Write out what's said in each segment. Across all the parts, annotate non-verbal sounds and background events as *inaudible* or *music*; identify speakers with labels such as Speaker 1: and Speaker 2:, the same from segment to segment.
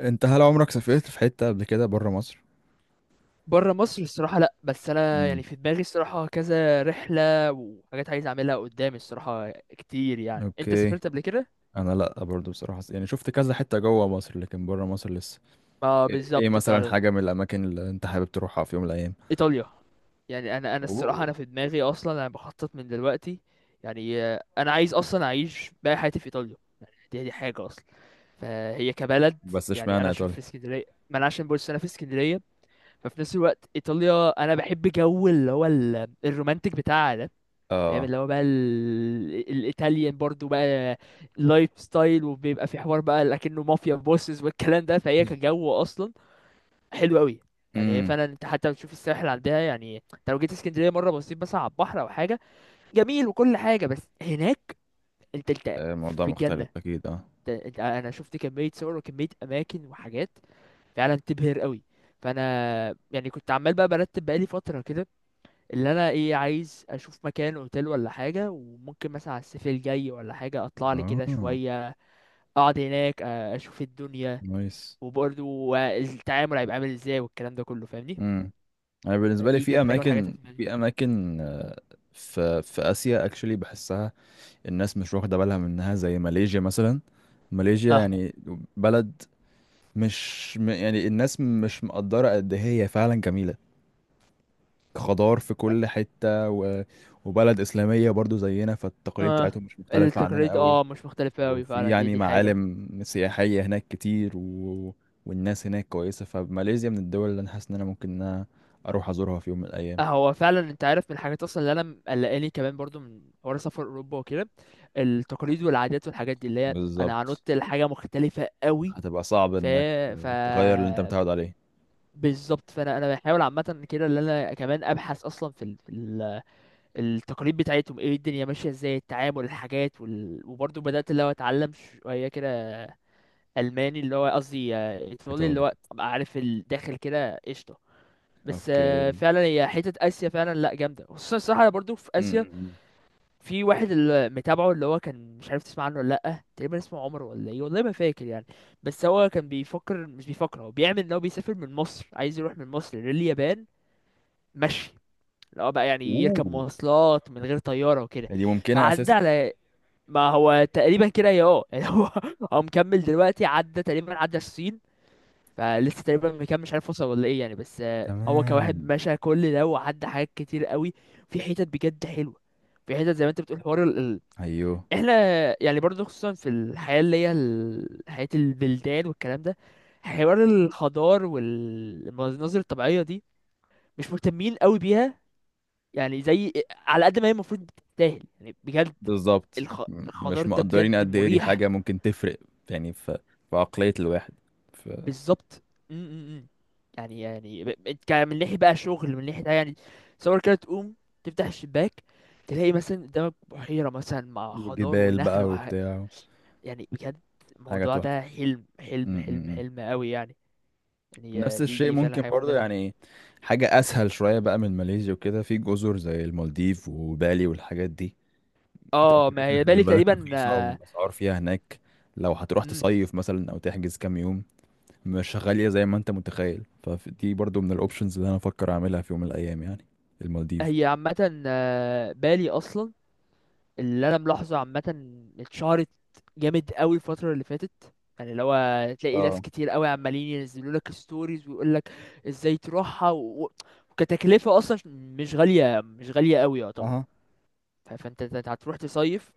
Speaker 1: انت هل عمرك سافرت في حتة قبل كده بره مصر؟
Speaker 2: بره مصر الصراحة لأ. بس أنا يعني
Speaker 1: امم
Speaker 2: في دماغي الصراحة كذا رحلة وحاجات عايز أعملها قدامي الصراحة كتير. يعني أنت
Speaker 1: اوكي.
Speaker 2: سافرت قبل كده؟
Speaker 1: انا لا برضو بصراحة، يعني شفت كذا حتة جوه مصر لكن بره مصر لسه.
Speaker 2: ما
Speaker 1: ايه ايه
Speaker 2: بالظبط
Speaker 1: مثلا
Speaker 2: فعلا.
Speaker 1: حاجة من الاماكن اللي انت حابب تروحها في يوم من الايام؟
Speaker 2: إيطاليا. يعني أنا الصراحة
Speaker 1: اوه.
Speaker 2: أنا في دماغي أصلا أنا بخطط من دلوقتي. يعني أنا عايز أصلا أعيش باقي حياتي في إيطاليا. دي حاجة أصلا. فهي كبلد.
Speaker 1: بس
Speaker 2: يعني
Speaker 1: اشمعنى
Speaker 2: أنا عشان في
Speaker 1: ايطاليا؟
Speaker 2: اسكندرية. ما أنا عشان بص أنا في اسكندرية. ففي نفس الوقت إيطاليا أنا بحب جو اللي هو الرومانتك بتاعها ده. فاهم
Speaker 1: اه.
Speaker 2: اللي هو بقى الايطاليان برضو بقى لايف ستايل، وبيبقى في حوار بقى لكنه مافيا بوسز والكلام ده، فهي
Speaker 1: *laughs*
Speaker 2: كجو اصلا حلو قوي. يعني هي
Speaker 1: امم.
Speaker 2: فعلا انت حتى بتشوف الساحل عندها. يعني انت لو جيت اسكندريه مره بصيت بس على البحر او حاجه جميل وكل حاجه. بس هناك انت
Speaker 1: الموضوع
Speaker 2: في
Speaker 1: مختلف
Speaker 2: الجنه.
Speaker 1: اكيد، اه.
Speaker 2: انت انا شفت كميه صور وكميه اماكن وحاجات فعلا تبهر قوي. فانا يعني كنت عمال بقى برتب بقالي فتره كده، اللي انا ايه عايز اشوف مكان اوتيل ولا حاجه، وممكن مثلا على الصيف الجاي ولا حاجه اطلع لي كده
Speaker 1: اه.
Speaker 2: شويه اقعد هناك، اشوف الدنيا.
Speaker 1: نايس.
Speaker 2: وبرضو التعامل هيبقى عامل ازاي والكلام ده كله، فاهمني؟
Speaker 1: امم. انا بالنسبة لي
Speaker 2: فدي
Speaker 1: في
Speaker 2: كانت حاجه من الحاجات اللي
Speaker 1: اماكن،
Speaker 2: في دماغي.
Speaker 1: في اسيا اكشلي بحسها الناس مش واخدة بالها منها، زي ماليزيا مثلا. ماليزيا
Speaker 2: اه
Speaker 1: يعني بلد، مش يعني الناس مش مقدرة قد إيه هي فعلا جميلة. خضار في كل حتة و... وبلد إسلامية برضو زينا، فالتقاليد
Speaker 2: اه،
Speaker 1: بتاعتهم مش مختلفة عننا
Speaker 2: التقاليد
Speaker 1: قوي.
Speaker 2: اه مش مختلفه قوي
Speaker 1: وفي
Speaker 2: فعلا. دي
Speaker 1: يعني
Speaker 2: دي حاجه.
Speaker 1: معالم سياحية هناك كتير و... والناس هناك كويسة. فماليزيا من الدول اللي أنا حاسس إن أنا ممكن إن أنا أروح أزورها في يوم من الأيام.
Speaker 2: هو فعلا انت عارف من الحاجات اصلا اللي انا مقلقاني كمان برضو من حوار سفر اوروبا وكده، التقاليد والعادات والحاجات دي، اللي هي انا
Speaker 1: بالظبط.
Speaker 2: هنط لحاجه مختلفه قوي.
Speaker 1: هتبقى صعب
Speaker 2: ف...
Speaker 1: إنك
Speaker 2: ف...
Speaker 1: تغير اللي أنت متعود عليه.
Speaker 2: بالظبط. فانا انا بحاول عامه كده ان انا كمان ابحث اصلا في التقاليد بتاعتهم، ايه الدنيا ماشيه ازاي، التعامل، الحاجات وبرضه بدات اللي هو اتعلم شويه كده الماني، اللي هو قصدي ايطالي، اللي
Speaker 1: إيطالي.
Speaker 2: هو ابقى عارف الداخل كده قشطه. بس
Speaker 1: أوكي.
Speaker 2: فعلا هي حته اسيا فعلا لا جامده. خصوصا الصراحه انا برضه في
Speaker 1: م- م-
Speaker 2: اسيا
Speaker 1: م.
Speaker 2: في واحد اللي متابعه، اللي هو كان مش عارف تسمع عنه ولا لا، تقريبا اسمه عمر ولا ايه والله ما فاكر يعني. بس هو كان بيفكر، مش بيفكر، هو بيعمل ان هو بيسافر من مصر، عايز يروح من مصر لليابان مشي، اللي هو بقى يعني يركب
Speaker 1: أوه.
Speaker 2: مواصلات من غير طيارة وكده.
Speaker 1: دي ممكنة
Speaker 2: فعدى
Speaker 1: أساسا.
Speaker 2: على، ما هو تقريبا كده يا اه، يعني هو *laughs* هو مكمل دلوقتي، عدى تقريبا عدى الصين. فلسه تقريبا مكمل مش عارف وصل ولا ايه يعني. بس هو كواحد
Speaker 1: تمام.
Speaker 2: مشى كل ده وعدى حاجات كتير قوي. في حتت بجد حلوة. في حتت زي ما انت بتقول حوار
Speaker 1: أيوه.
Speaker 2: احنا، يعني برضه خصوصا في الحياة اللي هي حياة البلدان والكلام ده، حوار الخضار والمناظر الطبيعية دي مش مهتمين قوي بيها. يعني زي على قد ما هي المفروض بتستاهل يعني بجد.
Speaker 1: بالظبط،
Speaker 2: الخ...
Speaker 1: مش
Speaker 2: الخضار ده
Speaker 1: مقدرين
Speaker 2: بجد
Speaker 1: قد ايه دي
Speaker 2: مريح.
Speaker 1: حاجة ممكن تفرق يعني في في عقلية الواحد. في
Speaker 2: بالظبط. م. يعني يعني من ناحية بقى شغل، من ناحية يعني تصور كده تقوم تفتح الشباك تلاقي مثلا قدامك بحيرة مثلا مع خضار
Speaker 1: وجبال بقى
Speaker 2: ونخل
Speaker 1: وبتاع.
Speaker 2: يعني بجد،
Speaker 1: حاجة
Speaker 2: الموضوع
Speaker 1: تحفة.
Speaker 2: ده حلم
Speaker 1: م-
Speaker 2: حلم حلم
Speaker 1: م- م.
Speaker 2: حلم قوي يعني. يعني
Speaker 1: نفس
Speaker 2: دي
Speaker 1: الشيء
Speaker 2: دي فعلا
Speaker 1: ممكن
Speaker 2: حاجة في
Speaker 1: برضه،
Speaker 2: دماغي.
Speaker 1: يعني حاجة أسهل شوية بقى من ماليزيا وكده، في جزر زي المالديف وبالي والحاجات دي.
Speaker 2: اه ما
Speaker 1: تأشيرتها
Speaker 2: هي
Speaker 1: خلي
Speaker 2: بالي
Speaker 1: بالك
Speaker 2: تقريبا
Speaker 1: رخيصة، والأسعار فيها هناك لو هتروح
Speaker 2: مم.
Speaker 1: تصيف مثلا أو تحجز كام يوم مش غالية زي ما أنت متخيل. فدي برضه من الأوبشنز اللي أنا أفكر أعملها في يوم من الأيام، يعني المالديف.
Speaker 2: هي عامة بالي أصلا، اللي انا ملاحظه عامه، اتشهرت جامد قوي الفتره اللي فاتت. يعني لو، تلاقي ناس
Speaker 1: اه.
Speaker 2: كتير قوي عمالين ينزلوا لك ستوريز ويقول لك ازاي تروحها و- وكتكلفه اصلا مش غاليه، مش غاليه قوي يعتبر.
Speaker 1: اها.
Speaker 2: فانت هتروح تصيف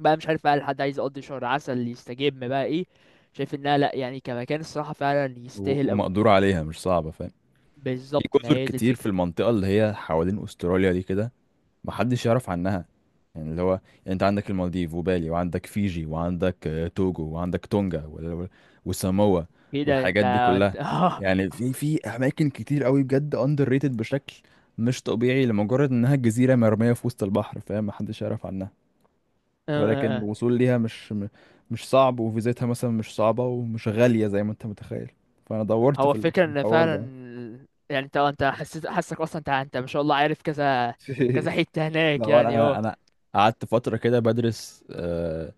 Speaker 2: بقى، مش عارف بقى الحد عايز يقضي شهر عسل، يستجم بقى، ايه. شايف انها لا يعني كمكان الصراحه فعلا يستاهل قوي.
Speaker 1: ومقدور عليها، مش صعبة فاهم. في
Speaker 2: بالظبط، ما
Speaker 1: جزر
Speaker 2: هي دي
Speaker 1: كتير في
Speaker 2: الفكره.
Speaker 1: المنطقة اللي هي حوالين أستراليا دي كده محدش يعرف عنها. يعني اللي هو يعني انت عندك المالديف وبالي، وعندك فيجي، وعندك آه، توجو، وعندك تونجا، وساموا،
Speaker 2: كده انت
Speaker 1: والحاجات دي
Speaker 2: انت
Speaker 1: كلها.
Speaker 2: *laughs* اه
Speaker 1: يعني في أماكن كتير قوي بجد أندر ريتد بشكل مش طبيعي، لمجرد إنها جزيرة مرمية في وسط البحر، فاهم، محدش يعرف عنها.
Speaker 2: اه
Speaker 1: ولكن
Speaker 2: اه.
Speaker 1: الوصول ليها مش مش صعب، وفيزتها مثلا مش صعبة ومش غالية زي ما انت متخيل. فأنا دورت
Speaker 2: هو
Speaker 1: في في
Speaker 2: الفكرة ان
Speaker 1: الحوار
Speaker 2: فعلا،
Speaker 1: ده.
Speaker 2: يعني انت حسيت حاسك اصلا، انت ما شاء الله عارف كذا
Speaker 1: *laughs*
Speaker 2: كذا حتة
Speaker 1: لا
Speaker 2: هناك
Speaker 1: هو
Speaker 2: يعني
Speaker 1: انا،
Speaker 2: اه
Speaker 1: قعدت فتره كده بدرس آه،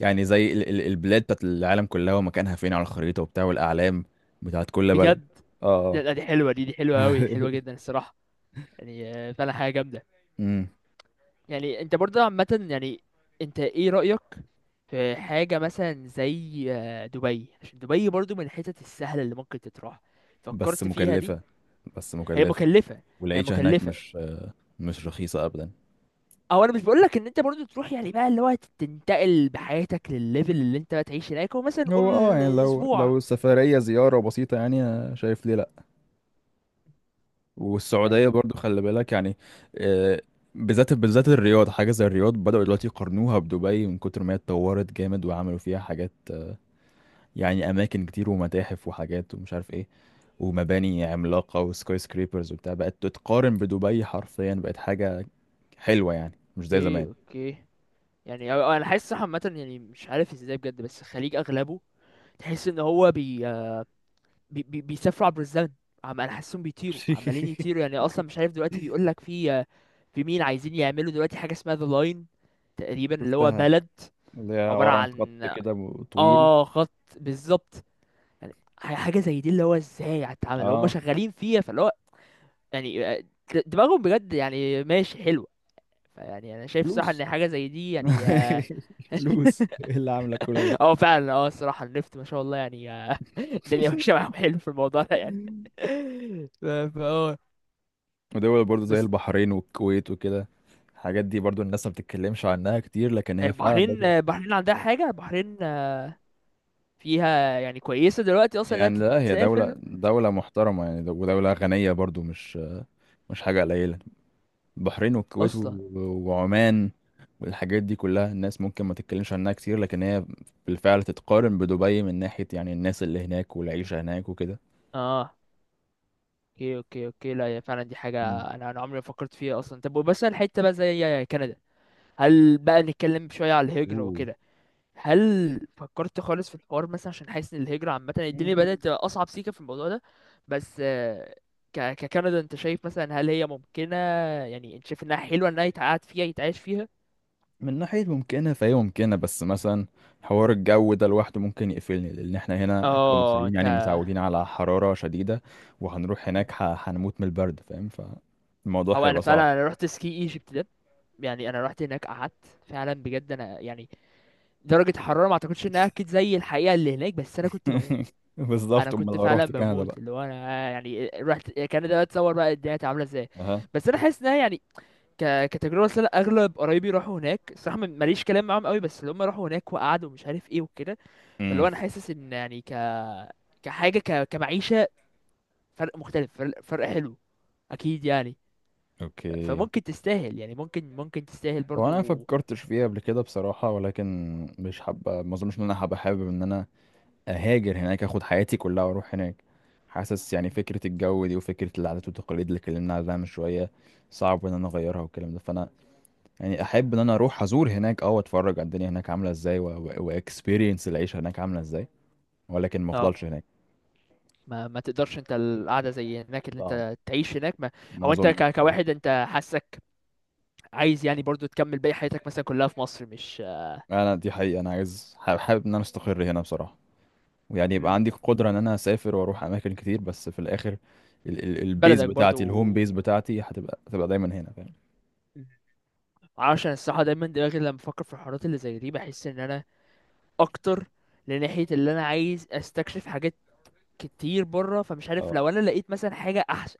Speaker 1: يعني زي البلاد بتاعت العالم كلها، ومكانها فين على الخريطه وبتاع، والاعلام بتاعت كل بلد.
Speaker 2: بجد. لا
Speaker 1: اه.
Speaker 2: لا، دي حلوة، دي حلوة
Speaker 1: *laughs*
Speaker 2: اوي، حلوة جدا الصراحة. يعني فعلا حاجة جامدة.
Speaker 1: امم.
Speaker 2: يعني انت برضه عامة، يعني انت ايه رأيك في حاجة مثلا زي دبي؟ عشان دبي برضه من الحتت السهلة اللي ممكن تتراح.
Speaker 1: بس
Speaker 2: فكرت فيها دي؟
Speaker 1: مكلفه، بس
Speaker 2: هي
Speaker 1: مكلفه.
Speaker 2: مكلفة. هي
Speaker 1: والعيشه هناك
Speaker 2: مكلفة.
Speaker 1: مش آه، مش رخيصه ابدا.
Speaker 2: او انا مش بقول لك ان انت برضو تروح يعني بقى اللي هو تنتقل بحياتك للليفل اللي انت بقى تعيش هناك، هو مثلا
Speaker 1: هو اه
Speaker 2: نقول
Speaker 1: يعني، لو
Speaker 2: اسبوع
Speaker 1: سفرية زيارة بسيطة يعني أنا شايف ليه لا. والسعودية
Speaker 2: يعني،
Speaker 1: برضو خلي بالك يعني آه، بالذات، بالذات الرياض. حاجة زي الرياض بدأوا دلوقتي يقارنوها بدبي من كتر ما هي اتطورت جامد، وعملوا فيها حاجات آه، يعني أماكن كتير ومتاحف وحاجات ومش عارف ايه، ومباني عملاقة وسكاي سكريبرز وبتاع. بقت تتقارن بدبي حرفيا، بقت حاجة حلوة يعني مش زي زمان.
Speaker 2: ايه. اوكي. يعني انا حاسس صح عامه، يعني مش عارف ازاي بجد، بس الخليج اغلبه تحس ان هو بي بيسافروا عبر الزمن. عم، انا حاسسهم بيطيروا، عمالين يطيروا
Speaker 1: *laughs*
Speaker 2: يعني. اصلا مش عارف دلوقتي بيقول لك في، في مين عايزين يعملوا دلوقتي حاجه اسمها ذا لاين، تقريبا اللي هو
Speaker 1: شفتها،
Speaker 2: بلد
Speaker 1: اللي هي
Speaker 2: عباره
Speaker 1: عبارة عن
Speaker 2: عن
Speaker 1: خط كده طويل.
Speaker 2: اه خط. بالظبط. يعني حاجه زي دي، اللي هو ازاي هتتعمل، هم
Speaker 1: اه.
Speaker 2: شغالين فيها، فاللي هو يعني دماغهم بجد يعني ماشي حلوه. فيعني انا شايف صراحه ان
Speaker 1: فلوس.
Speaker 2: حاجه زي دي يعني
Speaker 1: *laughs*
Speaker 2: اه.
Speaker 1: فلوس ايه اللي عاملة كل ده؟
Speaker 2: فعلا اه الصراحه النفط ما شاء الله يعني *laughs* الدنيا ماشيه
Speaker 1: *laughs*
Speaker 2: معاهم حلو في الموضوع ده يعني. *laughs* ف- فا اه.
Speaker 1: ودول برضو زي
Speaker 2: بس
Speaker 1: البحرين والكويت وكده، الحاجات دي برضو الناس ما بتتكلمش عنها كتير، لكن هي فعلا
Speaker 2: البحرين،
Speaker 1: برضو
Speaker 2: البحرين عندها حاجه، البحرين فيها يعني كويسه دلوقتي اصلا انها
Speaker 1: يعني، لا هي دولة،
Speaker 2: تسافر
Speaker 1: محترمة يعني، ودولة غنية برضو، مش مش حاجة قليلة. البحرين والكويت
Speaker 2: اصلا.
Speaker 1: وعمان والحاجات دي كلها، الناس ممكن ما تتكلمش عنها كتير لكن هي بالفعل تتقارن بدبي من ناحية يعني الناس اللي هناك والعيشة هناك وكده.
Speaker 2: اه اوكي اوكي اوكي. لا هي فعلا دي حاجه
Speaker 1: مم.
Speaker 2: انا انا عمري ما فكرت فيها اصلا. طب بس الحته بقى زي كندا، هل بقى نتكلم شوية على الهجرة
Speaker 1: اوه.
Speaker 2: وكده؟ هل فكرت خالص في الحوار مثلا؟ عشان حاسس ان الهجرة عامة الدنيا بدأت تبقى أصعب سيكة في الموضوع ده. بس ككندا انت شايف مثلا هل هي ممكنة؟ يعني انت شايف انها حلوة، انها يتقعد فيها، يتعايش فيها؟
Speaker 1: من ناحية ممكنة فهي ممكنة، بس مثلا حوار الجو ده لوحده ممكن يقفلني، لأن احنا هنا
Speaker 2: اه
Speaker 1: كمصريين
Speaker 2: انت،
Speaker 1: يعني متعودين على حرارة شديدة، وهنروح هناك هنموت من البرد، فاهم، فالموضوع
Speaker 2: او انا
Speaker 1: هيبقى صعب.
Speaker 2: فعلا انا رحت سكي ايجيبت ده، يعني انا رحت هناك قعدت فعلا بجد انا يعني درجة الحرارة ما اعتقدش انها اكيد زي الحقيقة اللي هناك، بس انا كنت
Speaker 1: *laughs*
Speaker 2: بموت. انا
Speaker 1: بالظبط أمال
Speaker 2: كنت
Speaker 1: لو
Speaker 2: فعلا
Speaker 1: روحت كندا
Speaker 2: بموت،
Speaker 1: بقى.
Speaker 2: اللي هو انا يعني رحت كان ده، اتصور بقى الدنيا كانت عامله ازاي.
Speaker 1: أها.
Speaker 2: بس انا حاسس ان أنا يعني كتجربه، أصل أنا اغلب قرايبي راحوا هناك الصراحه ماليش كلام معاهم قوي، بس اللي هم راحوا هناك وقعدوا ومش عارف ايه وكده. فاللي هو
Speaker 1: امم.
Speaker 2: انا حاسس ان يعني ك، كحاجه كمعيشه، فرق مختلف، فرق حلو اكيد يعني.
Speaker 1: أوكي.
Speaker 2: فممكن تستاهل يعني، ممكن ممكن تستاهل
Speaker 1: هو أنا
Speaker 2: برضو.
Speaker 1: مفكرتش فيها قبل كده بصراحة، ولكن مش حابة، ما أظنش إن أنا هبقى حابب إن أنا اهاجر هناك، اخد حياتي كلها واروح هناك. حاسس يعني فكرة الجو دي، وفكرة العادات والتقاليد اللي اتكلمنا عليها من شوية صعب ان انا اغيرها والكلام ده. فانا يعني احب ان انا اروح ازور هناك اه، واتفرج على الدنيا هناك عاملة ازاي، واكسبيرينس العيشة هناك عاملة ازاي، ولكن ما
Speaker 2: اه،
Speaker 1: افضلش هناك.
Speaker 2: ما ما تقدرش انت القعده زي هناك اللي
Speaker 1: صعب،
Speaker 2: انت تعيش هناك ما.
Speaker 1: ما
Speaker 2: هو انت
Speaker 1: اظنش بصراحة.
Speaker 2: كواحد انت حاسك عايز يعني برضو تكمل باقي حياتك مثلا كلها في مصر، مش؟
Speaker 1: انا دي حقيقة انا عايز، حابب ان انا استقر هنا بصراحة، ويعني يبقى
Speaker 2: مم.
Speaker 1: عندي قدرة ان انا اسافر واروح اماكن كتير، بس في الاخر البيز
Speaker 2: بلدك برضو.
Speaker 1: بتاعتي، الهوم بيز بتاعتي هتبقى، هتبقى دايما هنا فاهم.
Speaker 2: مم. معرفش، انا الصراحه دايما دماغي لما بفكر في الحوارات اللي زي دي بحس ان انا اكتر لناحيه اللي انا عايز استكشف حاجات كتير بره. فمش عارف
Speaker 1: اه.
Speaker 2: لو انا لقيت مثلا حاجه احسن،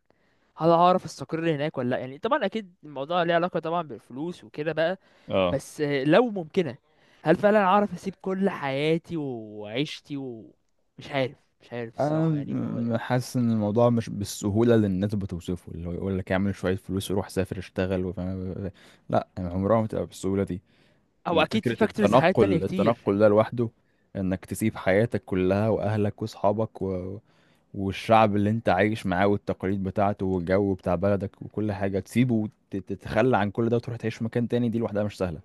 Speaker 2: هل هعرف استقر هناك ولا لا؟ يعني طبعا اكيد الموضوع ليه علاقه طبعا بالفلوس وكده بقى.
Speaker 1: اه.
Speaker 2: بس لو ممكنه، هل فعلا اعرف اسيب كل حياتي وعيشتي ومش عارف، مش عارف
Speaker 1: انا
Speaker 2: الصراحه يعني، ما هو.
Speaker 1: حاسس ان الموضوع مش بالسهوله اللي الناس بتوصفه، اللي هو يقول لك اعمل شويه فلوس وروح سافر اشتغل وفاهم، لا يعني عمرها ما تبقى بالسهوله دي.
Speaker 2: او اكيد في
Speaker 1: فكره
Speaker 2: فاكتورز حياه تانية
Speaker 1: التنقل،
Speaker 2: كتير.
Speaker 1: ده لوحده، انك تسيب حياتك كلها واهلك واصحابك و... والشعب اللي انت عايش معاه والتقاليد بتاعته والجو بتاع بلدك وكل حاجه تسيبه، وتتخلى عن كل ده وتروح تعيش في مكان تاني، دي لوحدها مش سهله.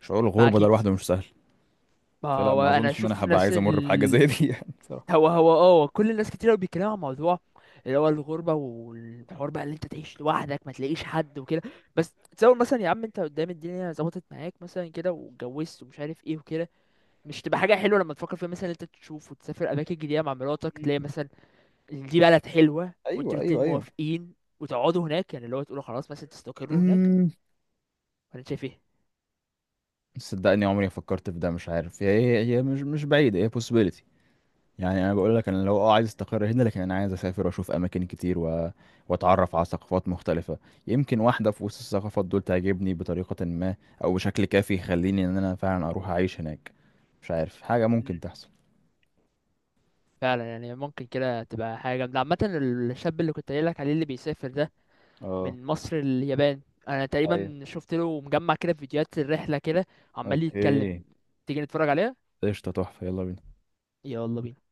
Speaker 1: شعور
Speaker 2: ما
Speaker 1: الغربه ده
Speaker 2: اكيد.
Speaker 1: لوحده مش سهل.
Speaker 2: ما
Speaker 1: فلا
Speaker 2: هو
Speaker 1: ما
Speaker 2: انا
Speaker 1: اظنش ان انا
Speaker 2: اشوف
Speaker 1: هبقى
Speaker 2: ناس
Speaker 1: عايز امر بحاجه زي دي. *laughs* يعني بصراحه.
Speaker 2: هو هو اه كل الناس كتير قوي بيتكلموا عن موضوع اللي هو الغربه والحوار بقى اللي انت تعيش لوحدك ما تلاقيش حد وكده. بس تصور مثلا يا عم انت قدام الدنيا ظبطت معاك مثلا كده واتجوزت ومش عارف ايه وكده. مش تبقى حاجه حلوه لما تفكر فيها مثلا إن انت تشوف وتسافر اماكن جديده مع مراتك، تلاقي مثلا إن دي بلد حلوه وانتوا
Speaker 1: ايوه
Speaker 2: الاتنين
Speaker 1: ايوه.
Speaker 2: موافقين وتقعدوا هناك يعني، اللي هو تقولوا خلاص مثلا تستقروا هناك،
Speaker 1: ايوه
Speaker 2: ولا أنت شايف
Speaker 1: صدقني عمري ما فكرت في ده، مش عارف، هي مش، بعيدة، هي possibility. يعني انا بقول لك انا لو اه عايز استقر هنا، لكن انا عايز اسافر واشوف اماكن كتير و... واتعرف على ثقافات مختلفة، يمكن واحدة في وسط الثقافات دول تعجبني بطريقة ما، او بشكل كافي يخليني ان انا فعلا اروح اعيش هناك. مش عارف، حاجة ممكن
Speaker 2: ايه؟
Speaker 1: تحصل.
Speaker 2: فعلا يعني ممكن كده تبقى حاجة جامدة عامة. الشاب اللي كنت قايل لك عليه اللي بيسافر ده
Speaker 1: اه.
Speaker 2: من مصر لليابان، انا
Speaker 1: ايوه.
Speaker 2: تقريبا شفت له مجمع كده فيديوهات الرحلة كده، عمال يتكلم.
Speaker 1: اوكي.
Speaker 2: تيجي نتفرج عليها؟
Speaker 1: قشطة تحفة يلا بينا.
Speaker 2: يلا بينا.